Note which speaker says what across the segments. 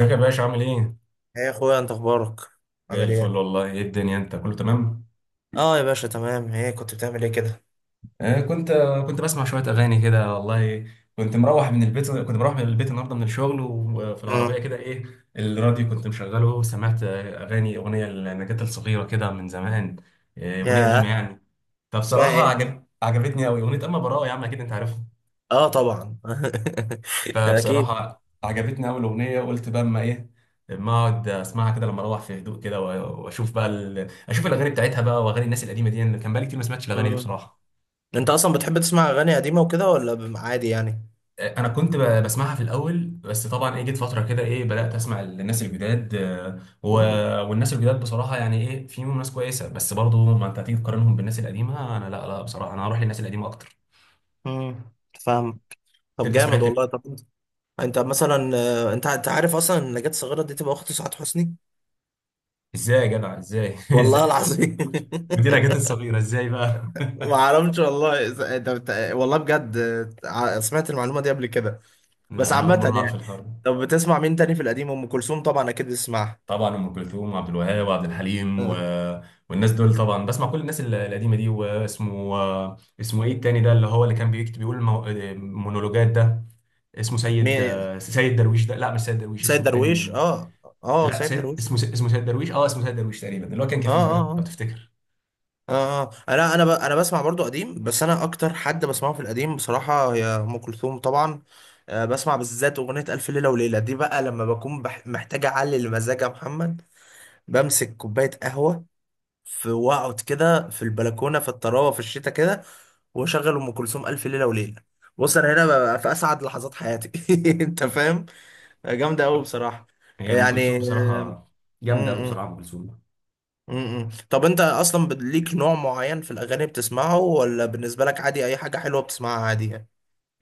Speaker 1: ازيك يا باشا؟ عامل ايه؟
Speaker 2: ايه يا اخويا، انت اخبارك؟
Speaker 1: زي
Speaker 2: عامل
Speaker 1: الفل
Speaker 2: ايه؟
Speaker 1: والله. ايه الدنيا انت كله تمام؟
Speaker 2: اه يا باشا، تمام. ايه كنت بتعمل ايه كده؟
Speaker 1: آه، كنت بسمع شوية أغاني كده والله. كنت مروح من البيت النهاردة من الشغل، وفي العربية
Speaker 2: مم.
Speaker 1: كده، ايه، الراديو كنت مشغله، وسمعت أغنية لنجاة الصغيرة كده من زمان. أغنية قديمة
Speaker 2: ياه.
Speaker 1: يعني.
Speaker 2: اسمها
Speaker 1: فبصراحة
Speaker 2: ايه؟
Speaker 1: عجبتني أوي أغنية أما براءة، يا عم أكيد أنت عارفها.
Speaker 2: اه، طبعا. اكيد.
Speaker 1: فبصراحة عجبتني أول أغنية، وقلت بقى أما إيه، أما أقعد أسمعها كده لما أروح في هدوء كده، و- وأشوف بقى أشوف الأغاني بتاعتها بقى، وأغاني الناس القديمة دي. أنا كان بقالي كتير ما سمعتش الأغاني دي
Speaker 2: مم.
Speaker 1: بصراحة.
Speaker 2: انت اصلا بتحب تسمع اغاني قديمه وكده، ولا عادي يعني؟
Speaker 1: أنا كنت بسمعها في الأول، بس طبعا إيه، جيت فترة كده إيه بدأت أسمع الناس الجداد.
Speaker 2: مم.
Speaker 1: والناس الجداد بصراحة يعني إيه، فيهم ناس كويسة، بس برضه ما أنت هتيجي تقارنهم بالناس القديمة. أنا لا بصراحة أنا هروح للناس القديمة أكتر.
Speaker 2: مم. فاهم. طب
Speaker 1: أنت بتسمع
Speaker 2: جامد
Speaker 1: أنت مين؟
Speaker 2: والله. طب انت مثلا، انت عارف اصلا ان نجاة صغيره دي تبقى اخت سعاد حسني؟
Speaker 1: إزاي يا جدع؟ إزاي
Speaker 2: والله
Speaker 1: إزاي تسمع
Speaker 2: العظيم.
Speaker 1: مين؟ ودينا جت الصغيرة إزاي بقى؟
Speaker 2: ما اعرفش والله. والله بجد. سمعت المعلومه دي قبل كده. بس
Speaker 1: لا أنا أول
Speaker 2: عامة
Speaker 1: مرة أعرف
Speaker 2: يعني.
Speaker 1: الحوار ده.
Speaker 2: طب بتسمع مين تاني في القديم؟ ام كلثوم طبعا، اكيد بتسمعها.
Speaker 1: طبعا ام كلثوم وعبد الوهاب وعبد الحليم
Speaker 2: آه.
Speaker 1: والناس دول، طبعا بسمع كل الناس القديمه دي. اسمه ايه التاني ده اللي هو اللي كان بيكتب بيقول مونولوجات ده، اسمه سيد،
Speaker 2: مين؟
Speaker 1: سيد درويش ده، لا مش سيد درويش،
Speaker 2: سيد
Speaker 1: اسمه
Speaker 2: درويش،
Speaker 1: التاني.
Speaker 2: اه. اه،
Speaker 1: لا
Speaker 2: سيد
Speaker 1: سيد
Speaker 2: درويش،
Speaker 1: اسمه
Speaker 2: اه.
Speaker 1: اسمه سيد درويش، اه اسمه سيد درويش تقريبا، اللي هو كان
Speaker 2: اه،
Speaker 1: كفيف ده لو
Speaker 2: اه،
Speaker 1: تفتكر.
Speaker 2: اه اه انا بسمع برضو قديم، بس انا اكتر حد بسمعه في القديم بصراحة هي ام كلثوم طبعا. بسمع بالذات اغنية الف ليلة وليلة دي بقى، لما بكون محتاج اعلي المزاج يا محمد. بمسك كوباية قهوة في، واقعد كده في البلكونه في الطراوه في الشتاء كده، واشغل ام كلثوم الف ليله وليله. بص انا هنا ببقى في اسعد لحظات حياتي. انت فاهم؟ جامده قوي بصراحه.
Speaker 1: هي ام
Speaker 2: يعني
Speaker 1: كلثوم
Speaker 2: آه،
Speaker 1: بصراحه
Speaker 2: م-
Speaker 1: جامده قوي
Speaker 2: م-
Speaker 1: بصراحه، ام كلثوم.
Speaker 2: م- م. طب انت اصلا ليك نوع معين في الاغاني بتسمعه، ولا بالنسبه لك عادي اي حاجه حلوه بتسمعها عادي يعني؟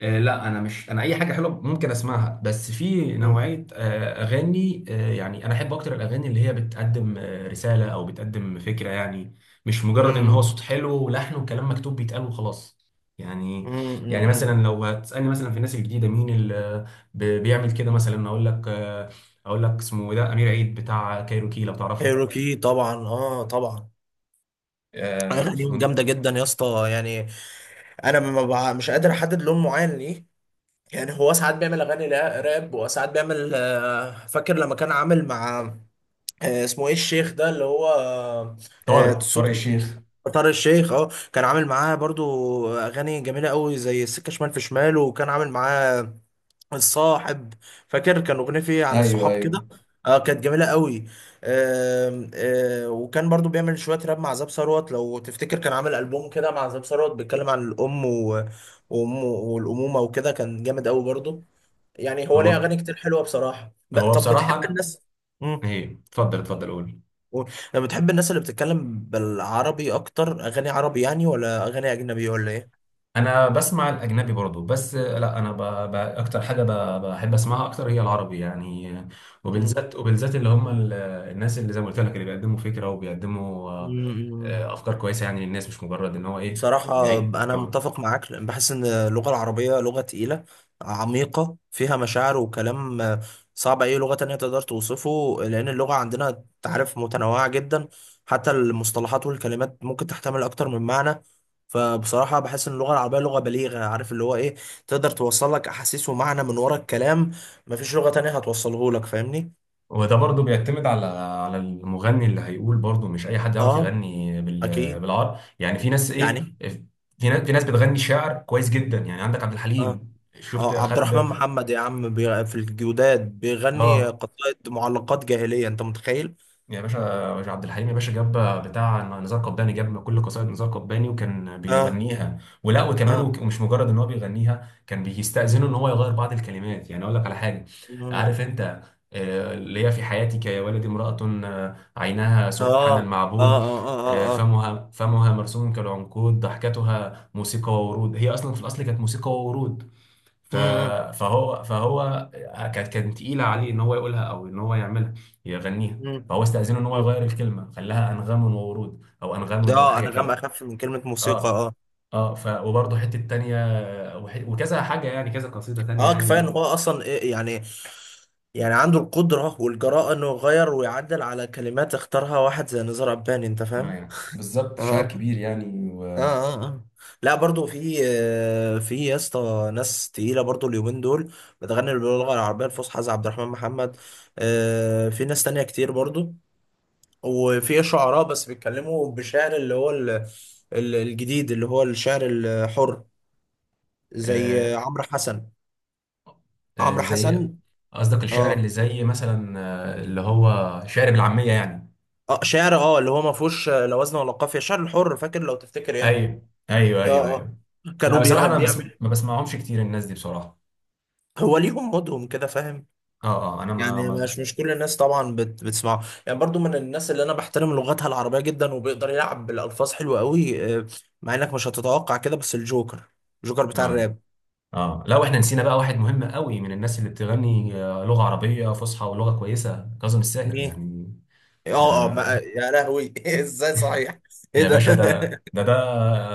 Speaker 1: لا انا مش انا اي حاجه حلوه ممكن اسمعها، بس في
Speaker 2: م-
Speaker 1: نوعيه اغاني. يعني انا احب اكتر الاغاني اللي هي بتقدم رساله، او بتقدم فكره، يعني مش مجرد ان هو
Speaker 2: م-
Speaker 1: صوت حلو ولحن وكلام مكتوب بيتقال وخلاص. يعني
Speaker 2: م- م-
Speaker 1: يعني مثلا
Speaker 2: م.
Speaker 1: لو هتسالني مثلا في الناس الجديده مين اللي بيعمل كده، مثلا اقول لك، اقول لك اسمه إيه ده، امير عيد بتاع كايروكي لو تعرفه.
Speaker 2: كايروكي، طبعا، اه، طبعا.
Speaker 1: آه،
Speaker 2: اغانيهم
Speaker 1: في-
Speaker 2: جامده جدا يا اسطى يعني. انا ما بع- مش قادر احدد لون معين ليه. يعني هو ساعات بيعمل اغاني راب، وساعات بيعمل، فاكر لما كان عامل مع، اسمه ايه الشيخ ده اللي هو،
Speaker 1: طارق،
Speaker 2: صوت،
Speaker 1: طارق الشيخ.
Speaker 2: طارق الشيخ، اه، كان عامل معاه برضو اغاني جميله قوي زي السكه شمال في شمال، وكان عامل معاه الصاحب. فاكر كان اغنيه فيه عن
Speaker 1: ايوه
Speaker 2: الصحاب
Speaker 1: ايوه.
Speaker 2: كده. اه، كانت جميله قوي. وكان برضو بيعمل شويه راب مع زاب ثروت لو تفتكر، كان عامل البوم كده مع زاب ثروت بيتكلم عن الام، وأم- والامومه وكده، كان جامد قوي برضو. يعني هو ليه
Speaker 1: هو
Speaker 2: اغاني كتير حلوه بصراحه.
Speaker 1: هو
Speaker 2: طب
Speaker 1: بصراحه
Speaker 2: بتحب
Speaker 1: أنا-
Speaker 2: الناس. امم
Speaker 1: ايه اتفضل اتفضل قول.
Speaker 2: طب بتحب الناس اللي بتتكلم بالعربي اكتر؟ اغاني عربي يعني، ولا اغاني اجنبي، ولا ايه؟
Speaker 1: انا بسمع الاجنبي برضو، بس لا انا ب... ب... اكتر حاجه ب... بحب اسمعها اكتر هي العربي يعني. وبالذات اللي هم الناس اللي زي ما قلت لك، اللي بيقدموا فكره وبيقدموا
Speaker 2: امم
Speaker 1: افكار كويسه يعني للناس، مش مجرد ان هو ايه
Speaker 2: بصراحة
Speaker 1: يعيق
Speaker 2: أنا
Speaker 1: اه.
Speaker 2: متفق معاك، لأن بحس إن اللغة العربية لغة تقيلة، عميقة، فيها مشاعر وكلام صعب أي لغة تانية تقدر توصفه، لأن اللغة عندنا تعرف متنوعة جدا. حتى المصطلحات والكلمات ممكن تحتمل أكتر من معنى. فبصراحة بحس إن اللغة العربية لغة بليغة، عارف اللي هو إيه، تقدر توصل لك أحاسيس ومعنى من ورا الكلام مفيش لغة تانية هتوصله لك. فاهمني؟
Speaker 1: وده برضو بيعتمد على المغني اللي هيقول، برضو مش اي حد يعرف
Speaker 2: آه،
Speaker 1: يغني
Speaker 2: أكيد
Speaker 1: بالعربي يعني. في ناس ايه،
Speaker 2: يعني.
Speaker 1: في ناس بتغني شعر كويس جدا، يعني عندك عبد
Speaker 2: اه،
Speaker 1: الحليم. شفت؟
Speaker 2: اه، عبد الرحمن
Speaker 1: خد،
Speaker 2: محمد يا عم، في الجوداد بيغني
Speaker 1: اه
Speaker 2: قطائد، معلقات جاهلية، انت متخيل؟
Speaker 1: يا باشا، يا عبد الحليم يا باشا، جاب بتاع نزار قباني، جاب كل قصائد نزار قباني وكان
Speaker 2: اه.
Speaker 1: بيغنيها. ولا وكمان
Speaker 2: اه.
Speaker 1: وك- ومش مجرد ان هو بيغنيها، كان بيستأذنه ان هو يغير بعض الكلمات. يعني اقول لك على حاجه، عارف
Speaker 2: مم.
Speaker 1: انت، اللي هي في حياتك يا ولدي امرأة، عينها
Speaker 2: اه،
Speaker 1: سبحان
Speaker 2: اه،
Speaker 1: المعبود،
Speaker 2: اه، اه،
Speaker 1: آه،
Speaker 2: اه، اه.
Speaker 1: فمها فمها مرسوم كالعنقود، ضحكتها موسيقى وورود. هي اصلا في الاصل كانت موسيقى وورود، ف...
Speaker 2: مم.
Speaker 1: فهو فهو كانت تقيله عليه ان هو يقولها، او ان هو يعملها يغنيها.
Speaker 2: مم.
Speaker 1: فهو استاذنه ان هو
Speaker 2: مم.
Speaker 1: يغير الكلمه، خلاها انغام وورود، او انغام
Speaker 2: اه،
Speaker 1: وحاجه
Speaker 2: انغام
Speaker 1: كده.
Speaker 2: اخف من كلمة موسيقى،
Speaker 1: اه
Speaker 2: اه.
Speaker 1: اه، ف وبرضه حته تانية، وكذا حاجه يعني، كذا قصيده تانية
Speaker 2: اه، كفاية ان
Speaker 1: يعني.
Speaker 2: هو اصلا إيه يعني، يعني عنده القدرة والجراءة انه يغير ويعدل على كلمات اختارها واحد زي نزار قباني، انت
Speaker 1: آه
Speaker 2: فاهم؟
Speaker 1: يعني بالظبط، شاعر
Speaker 2: اه.
Speaker 1: كبير يعني
Speaker 2: اه، اه، اه، لا، برضو في، يا اسطى ناس تقيله برضو اليومين دول بتغني باللغه العربيه الفصحى زي عبد الرحمن محمد. في ناس تانية كتير برضو. وفي شعراء بس بيتكلموا بشعر اللي هو الجديد، اللي هو الشعر الحر، زي
Speaker 1: آه.
Speaker 2: عمرو حسن.
Speaker 1: آه
Speaker 2: عمرو
Speaker 1: زي
Speaker 2: حسن.
Speaker 1: قصدك الشعر اللي
Speaker 2: اه،
Speaker 1: زي مثلا آه اللي هو شعر بالعاميه يعني.
Speaker 2: اه، شعر، اه، اللي هو ما فيهوش لا وزن ولا قافيه، شعر الحر، فاكر لو تفتكر يعني.
Speaker 1: ايوه ايوه
Speaker 2: اه.
Speaker 1: ايوه
Speaker 2: اه.
Speaker 1: ايوه. لا بصراحه انا بس
Speaker 2: بيعمل.
Speaker 1: ما بسمعهمش كتير الناس دي بصراحه.
Speaker 2: هو ليهم مودهم كده، فاهم.
Speaker 1: اه اه انا ما
Speaker 2: يعني
Speaker 1: ما
Speaker 2: مش
Speaker 1: بس
Speaker 2: مش كل الناس طبعا بتسمعه يعني، برضو من الناس اللي انا بحترم لغتها العربية جدا، وبيقدر يلعب بالالفاظ حلوة قوي. مع انك مش هتتوقع كده، بس الجوكر، الجوكر بتاع
Speaker 1: اه
Speaker 2: الراب.
Speaker 1: اه. لا، واحنا نسينا بقى واحد مهم قوي من الناس اللي بتغني لغة عربية فصحى ولغة كويسة، كاظم الساهر
Speaker 2: مين؟
Speaker 1: يعني. ده
Speaker 2: اه، اه، يا لهوي، ازاي، صحيح! ايه
Speaker 1: يا
Speaker 2: ده!
Speaker 1: باشا، ده ده ده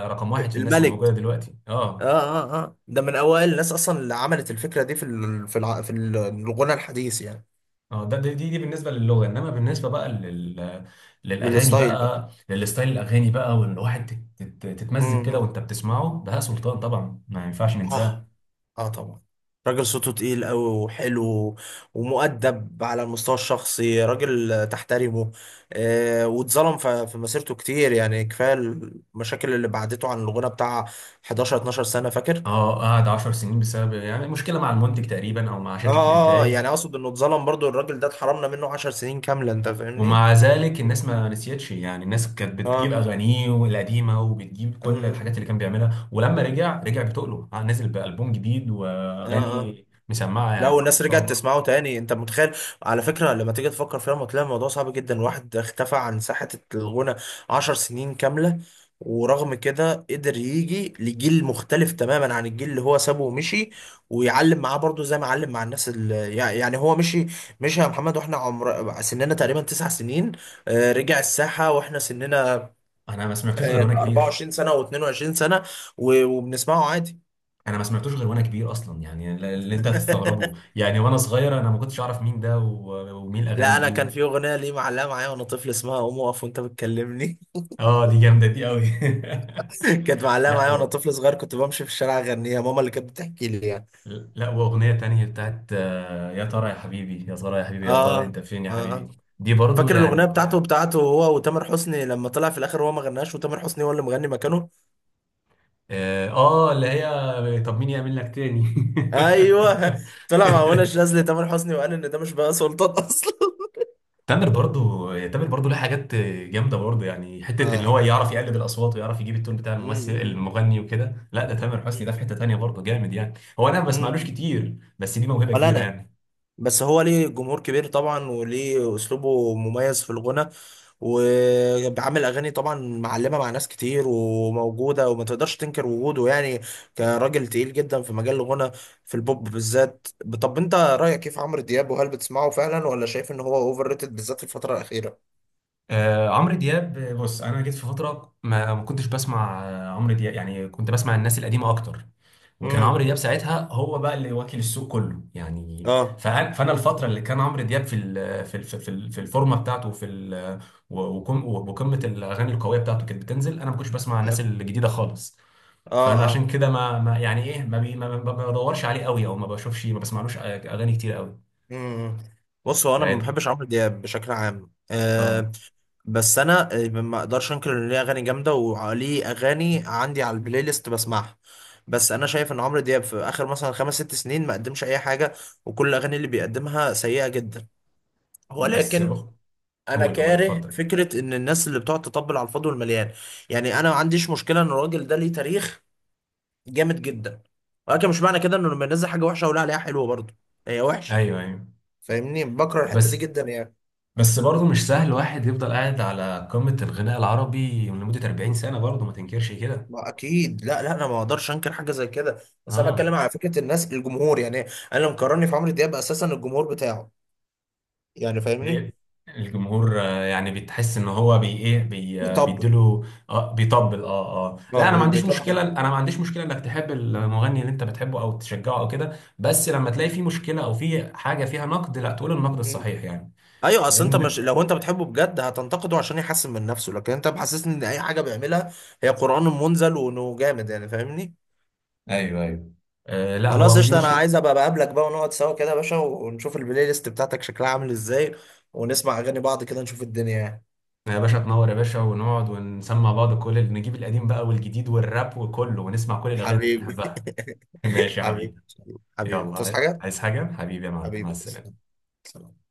Speaker 1: رقم واحد في الناس اللي موجودة
Speaker 2: الملك.
Speaker 1: دلوقتي
Speaker 2: اه،
Speaker 1: اه.
Speaker 2: اه، اه، ده من اوائل الناس اصلا اللي عملت الفكرة دي في، الغنى الحديث يعني.
Speaker 1: اه ده دي بالنسبة للغة، انما بالنسبة بقى للاغاني
Speaker 2: للستايل بقى.
Speaker 1: بقى، للستايل الاغاني بقى، وان الواحد تتمزج كده
Speaker 2: مم.
Speaker 1: وانت بتسمعه. بهاء سلطان طبعا ما ينفعش
Speaker 2: اه،
Speaker 1: ننساه.
Speaker 2: اه، طبعا. راجل صوته تقيل قوي وحلو، ومؤدب على المستوى الشخصي، راجل تحترمه. واتظلم في مسيرته كتير يعني، كفاية المشاكل اللي بعدته عن الغنى بتاع 11 12 سنة، فاكر.
Speaker 1: اه قعد 10 سنين بسبب يعني مشكلة مع المنتج تقريبا، او مع
Speaker 2: اه،
Speaker 1: شركة
Speaker 2: اه،
Speaker 1: الانتاج.
Speaker 2: يعني اقصد انه اتظلم برضو الراجل ده، اتحرمنا منه 10 سنين كاملة، انت فاهمني.
Speaker 1: ومع ذلك الناس ما نسيتش يعني، الناس كانت بتجيب
Speaker 2: اه.
Speaker 1: اغانيه القديمه وبتجيب كل
Speaker 2: اه.
Speaker 1: الحاجات اللي كان بيعملها، ولما رجع رجع بتقله، نزل بألبوم جديد
Speaker 2: اه. آه.
Speaker 1: واغاني مسمعه
Speaker 2: لا،
Speaker 1: يعني، ما
Speaker 2: والناس
Speaker 1: شاء
Speaker 2: رجعت
Speaker 1: الله.
Speaker 2: تسمعه تاني، انت متخيل؟ على فكره لما تيجي تفكر فيها، لما تلاقي الموضوع صعب جدا، واحد اختفى عن ساحه الغنى 10 سنين كامله، ورغم كده قدر يجي لجيل مختلف تماما عن الجيل اللي هو سابه ومشي، ويعلم معاه برضه زي ما علم مع الناس اللي، يعني، هو مشي. مشي يا محمد واحنا عمر سننا تقريبا 9 سنين، رجع الساحه واحنا سننا
Speaker 1: انا ما سمعتوش غير وانا كبير.
Speaker 2: 24 سنه و22 سنه، وبنسمعه عادي.
Speaker 1: انا ما سمعتوش غير وانا كبير اصلا يعني، اللي انت هتستغربه يعني، وانا صغير انا ما كنتش اعرف مين ده و- ومين الاغاني
Speaker 2: لا، انا
Speaker 1: دي
Speaker 2: كان في اغنيه ليه معلقه معايا وانا طفل، اسمها قوم اقف وانت بتكلمني.
Speaker 1: اه دي جامده دي قوي.
Speaker 2: كانت معلقه
Speaker 1: لا
Speaker 2: معايا وانا
Speaker 1: هو،
Speaker 2: طفل صغير، كنت بمشي في الشارع اغنيها. ماما اللي كانت بتحكي لي يعني.
Speaker 1: لا واغنيه تانية بتاعت يا ترى يا حبيبي، يا ترى انت
Speaker 2: اه.
Speaker 1: فين يا
Speaker 2: اه.
Speaker 1: حبيبي،
Speaker 2: آه.
Speaker 1: دي برضو
Speaker 2: فاكر الاغنيه
Speaker 1: يعني.
Speaker 2: بتاعته، هو وتامر حسني، لما طلع في الاخر هو ما غناش، وتامر حسني هو اللي مغني مكانه.
Speaker 1: اه، اللي هي طب مين يعمل لك تاني.
Speaker 2: ايوه. طلع مع منى شاذلي تامر حسني، وقال ان ده مش بقى سلطان اصلا.
Speaker 1: تامر برضو يعني، تامر برضو له حاجات جامده برضو يعني، حته ان هو
Speaker 2: اه
Speaker 1: يعرف يقلد الاصوات، ويعرف يجيب التون بتاع
Speaker 2: م-
Speaker 1: الممثل
Speaker 2: م- م-
Speaker 1: المغني وكده. لا ده تامر حسني ده في
Speaker 2: م-
Speaker 1: حته تانيه برضو جامد يعني. هو انا ما
Speaker 2: م-
Speaker 1: بسمعلوش
Speaker 2: م.
Speaker 1: كتير، بس دي موهبه
Speaker 2: ولا
Speaker 1: كبيره
Speaker 2: انا.
Speaker 1: يعني.
Speaker 2: بس هو ليه جمهور كبير طبعا، وليه اسلوبه مميز في الغنى، وعامل اغاني طبعا معلمه مع ناس كتير، وموجوده، وما تقدرش تنكر وجوده يعني، كراجل تقيل جدا في مجال الغنى، في البوب بالذات. طب انت رايك كيف عمرو دياب؟ وهل بتسمعه فعلا، ولا شايف ان هو اوفر ريتد بالذات في الفتره الاخيره؟
Speaker 1: آه عمرو دياب، بص انا جيت في فتره ما كنتش بسمع عمرو دياب يعني، كنت بسمع الناس القديمه اكتر، وكان عمرو
Speaker 2: امم
Speaker 1: دياب ساعتها هو بقى اللي واكل السوق كله يعني.
Speaker 2: اه،
Speaker 1: فأنا الفترة اللي كان عمرو دياب في في الفورمة بتاعته في ال و- وقم- وقمة الأغاني القوية بتاعته كانت بتنزل، أنا ما كنتش بسمع الناس
Speaker 2: اه،
Speaker 1: الجديدة خالص. فأنا عشان
Speaker 2: اه.
Speaker 1: كده ما, ما يعني إيه، ما بدورش عليه قوي، أو ما بشوفش ما بسمعلوش أغاني كتير قوي.
Speaker 2: امم بص، هو انا ما
Speaker 1: عادي.
Speaker 2: بحبش عمرو دياب بشكل عام.
Speaker 1: أه.
Speaker 2: بس انا، ما اقدرش انكر ان ليه اغاني جامده، وليه اغاني عندي على البلاي ليست بسمعها. بس انا شايف ان عمرو دياب في اخر مثلا خمس ست سنين ما قدمش اي حاجه، وكل الاغاني اللي بيقدمها سيئه جدا.
Speaker 1: بس
Speaker 2: ولكن
Speaker 1: هو،
Speaker 2: انا
Speaker 1: هو اللي هو اللي
Speaker 2: كاره
Speaker 1: اتفضل.
Speaker 2: فكره ان الناس اللي بتقعد تطبل على الفاضي والمليان. يعني انا ما عنديش مشكله ان الراجل ده ليه تاريخ جامد جدا، ولكن مش معنى كده انه لما ينزل حاجه وحشه اقول عليها حلوه برضه، هي وحشه.
Speaker 1: أيوه أيوه.
Speaker 2: فاهمني، بكره الحته دي
Speaker 1: بس،
Speaker 2: جدا يعني.
Speaker 1: بس برضه مش سهل واحد يفضل قاعد على قمة الغناء العربي لمدة 40 سنة، برضه ما تنكرش كده.
Speaker 2: ما اكيد، لا، لا، انا ما اقدرش انكر حاجه زي كده، بس انا
Speaker 1: اه
Speaker 2: بتكلم على فكره الناس، الجمهور يعني، انا لو مقارني في عمرو دياب اساسا الجمهور بتاعه، يعني فاهمني،
Speaker 1: إيه، الجمهور، يعني بتحس ان هو بي ايه بي آه،
Speaker 2: بيطبل.
Speaker 1: بيديله. اه بيطبل اه اه، لا
Speaker 2: اه،
Speaker 1: انا ما عنديش
Speaker 2: بيطبل.
Speaker 1: مشكله، انك تحب المغني اللي انت بتحبه او تشجعه او كده، بس لما تلاقي فيه مشكله او فيه حاجه فيها نقد لا، تقول النقد
Speaker 2: مم.
Speaker 1: الصحيح يعني.
Speaker 2: ايوه، اصل انت، مش
Speaker 1: لان،
Speaker 2: لو انت بتحبه بجد هتنتقده عشان يحسن من نفسه؟ لكن انت محسسني ان اي حاجه بيعملها هي قران منزل، وانه جامد يعني، فاهمني.
Speaker 1: ايوه ايوه. آه لا،
Speaker 2: خلاص
Speaker 1: هو دي
Speaker 2: قشطه، انا
Speaker 1: مشكله.
Speaker 2: عايز ابقى بقابلك بقى، ونقعد سوا كده يا باشا، ونشوف البلاي ليست بتاعتك شكلها عامل ازاي، ونسمع اغاني بعض كده، نشوف الدنيا يعني.
Speaker 1: يا باشا تنور يا باشا، ونقعد ونسمع بعض، كل اللي نجيب القديم بقى والجديد والراب وكله، ونسمع كل الاغاني اللي
Speaker 2: حبيبي.
Speaker 1: بنحبها. ماشي يا
Speaker 2: حبيبي.
Speaker 1: حبيبي.
Speaker 2: حبيبي، تصحى
Speaker 1: يلا،
Speaker 2: حاجه؟
Speaker 1: عايز حاجه حبيبي يا معلم؟ مع
Speaker 2: حبيبي، تسلم.
Speaker 1: السلامه.
Speaker 2: سلام.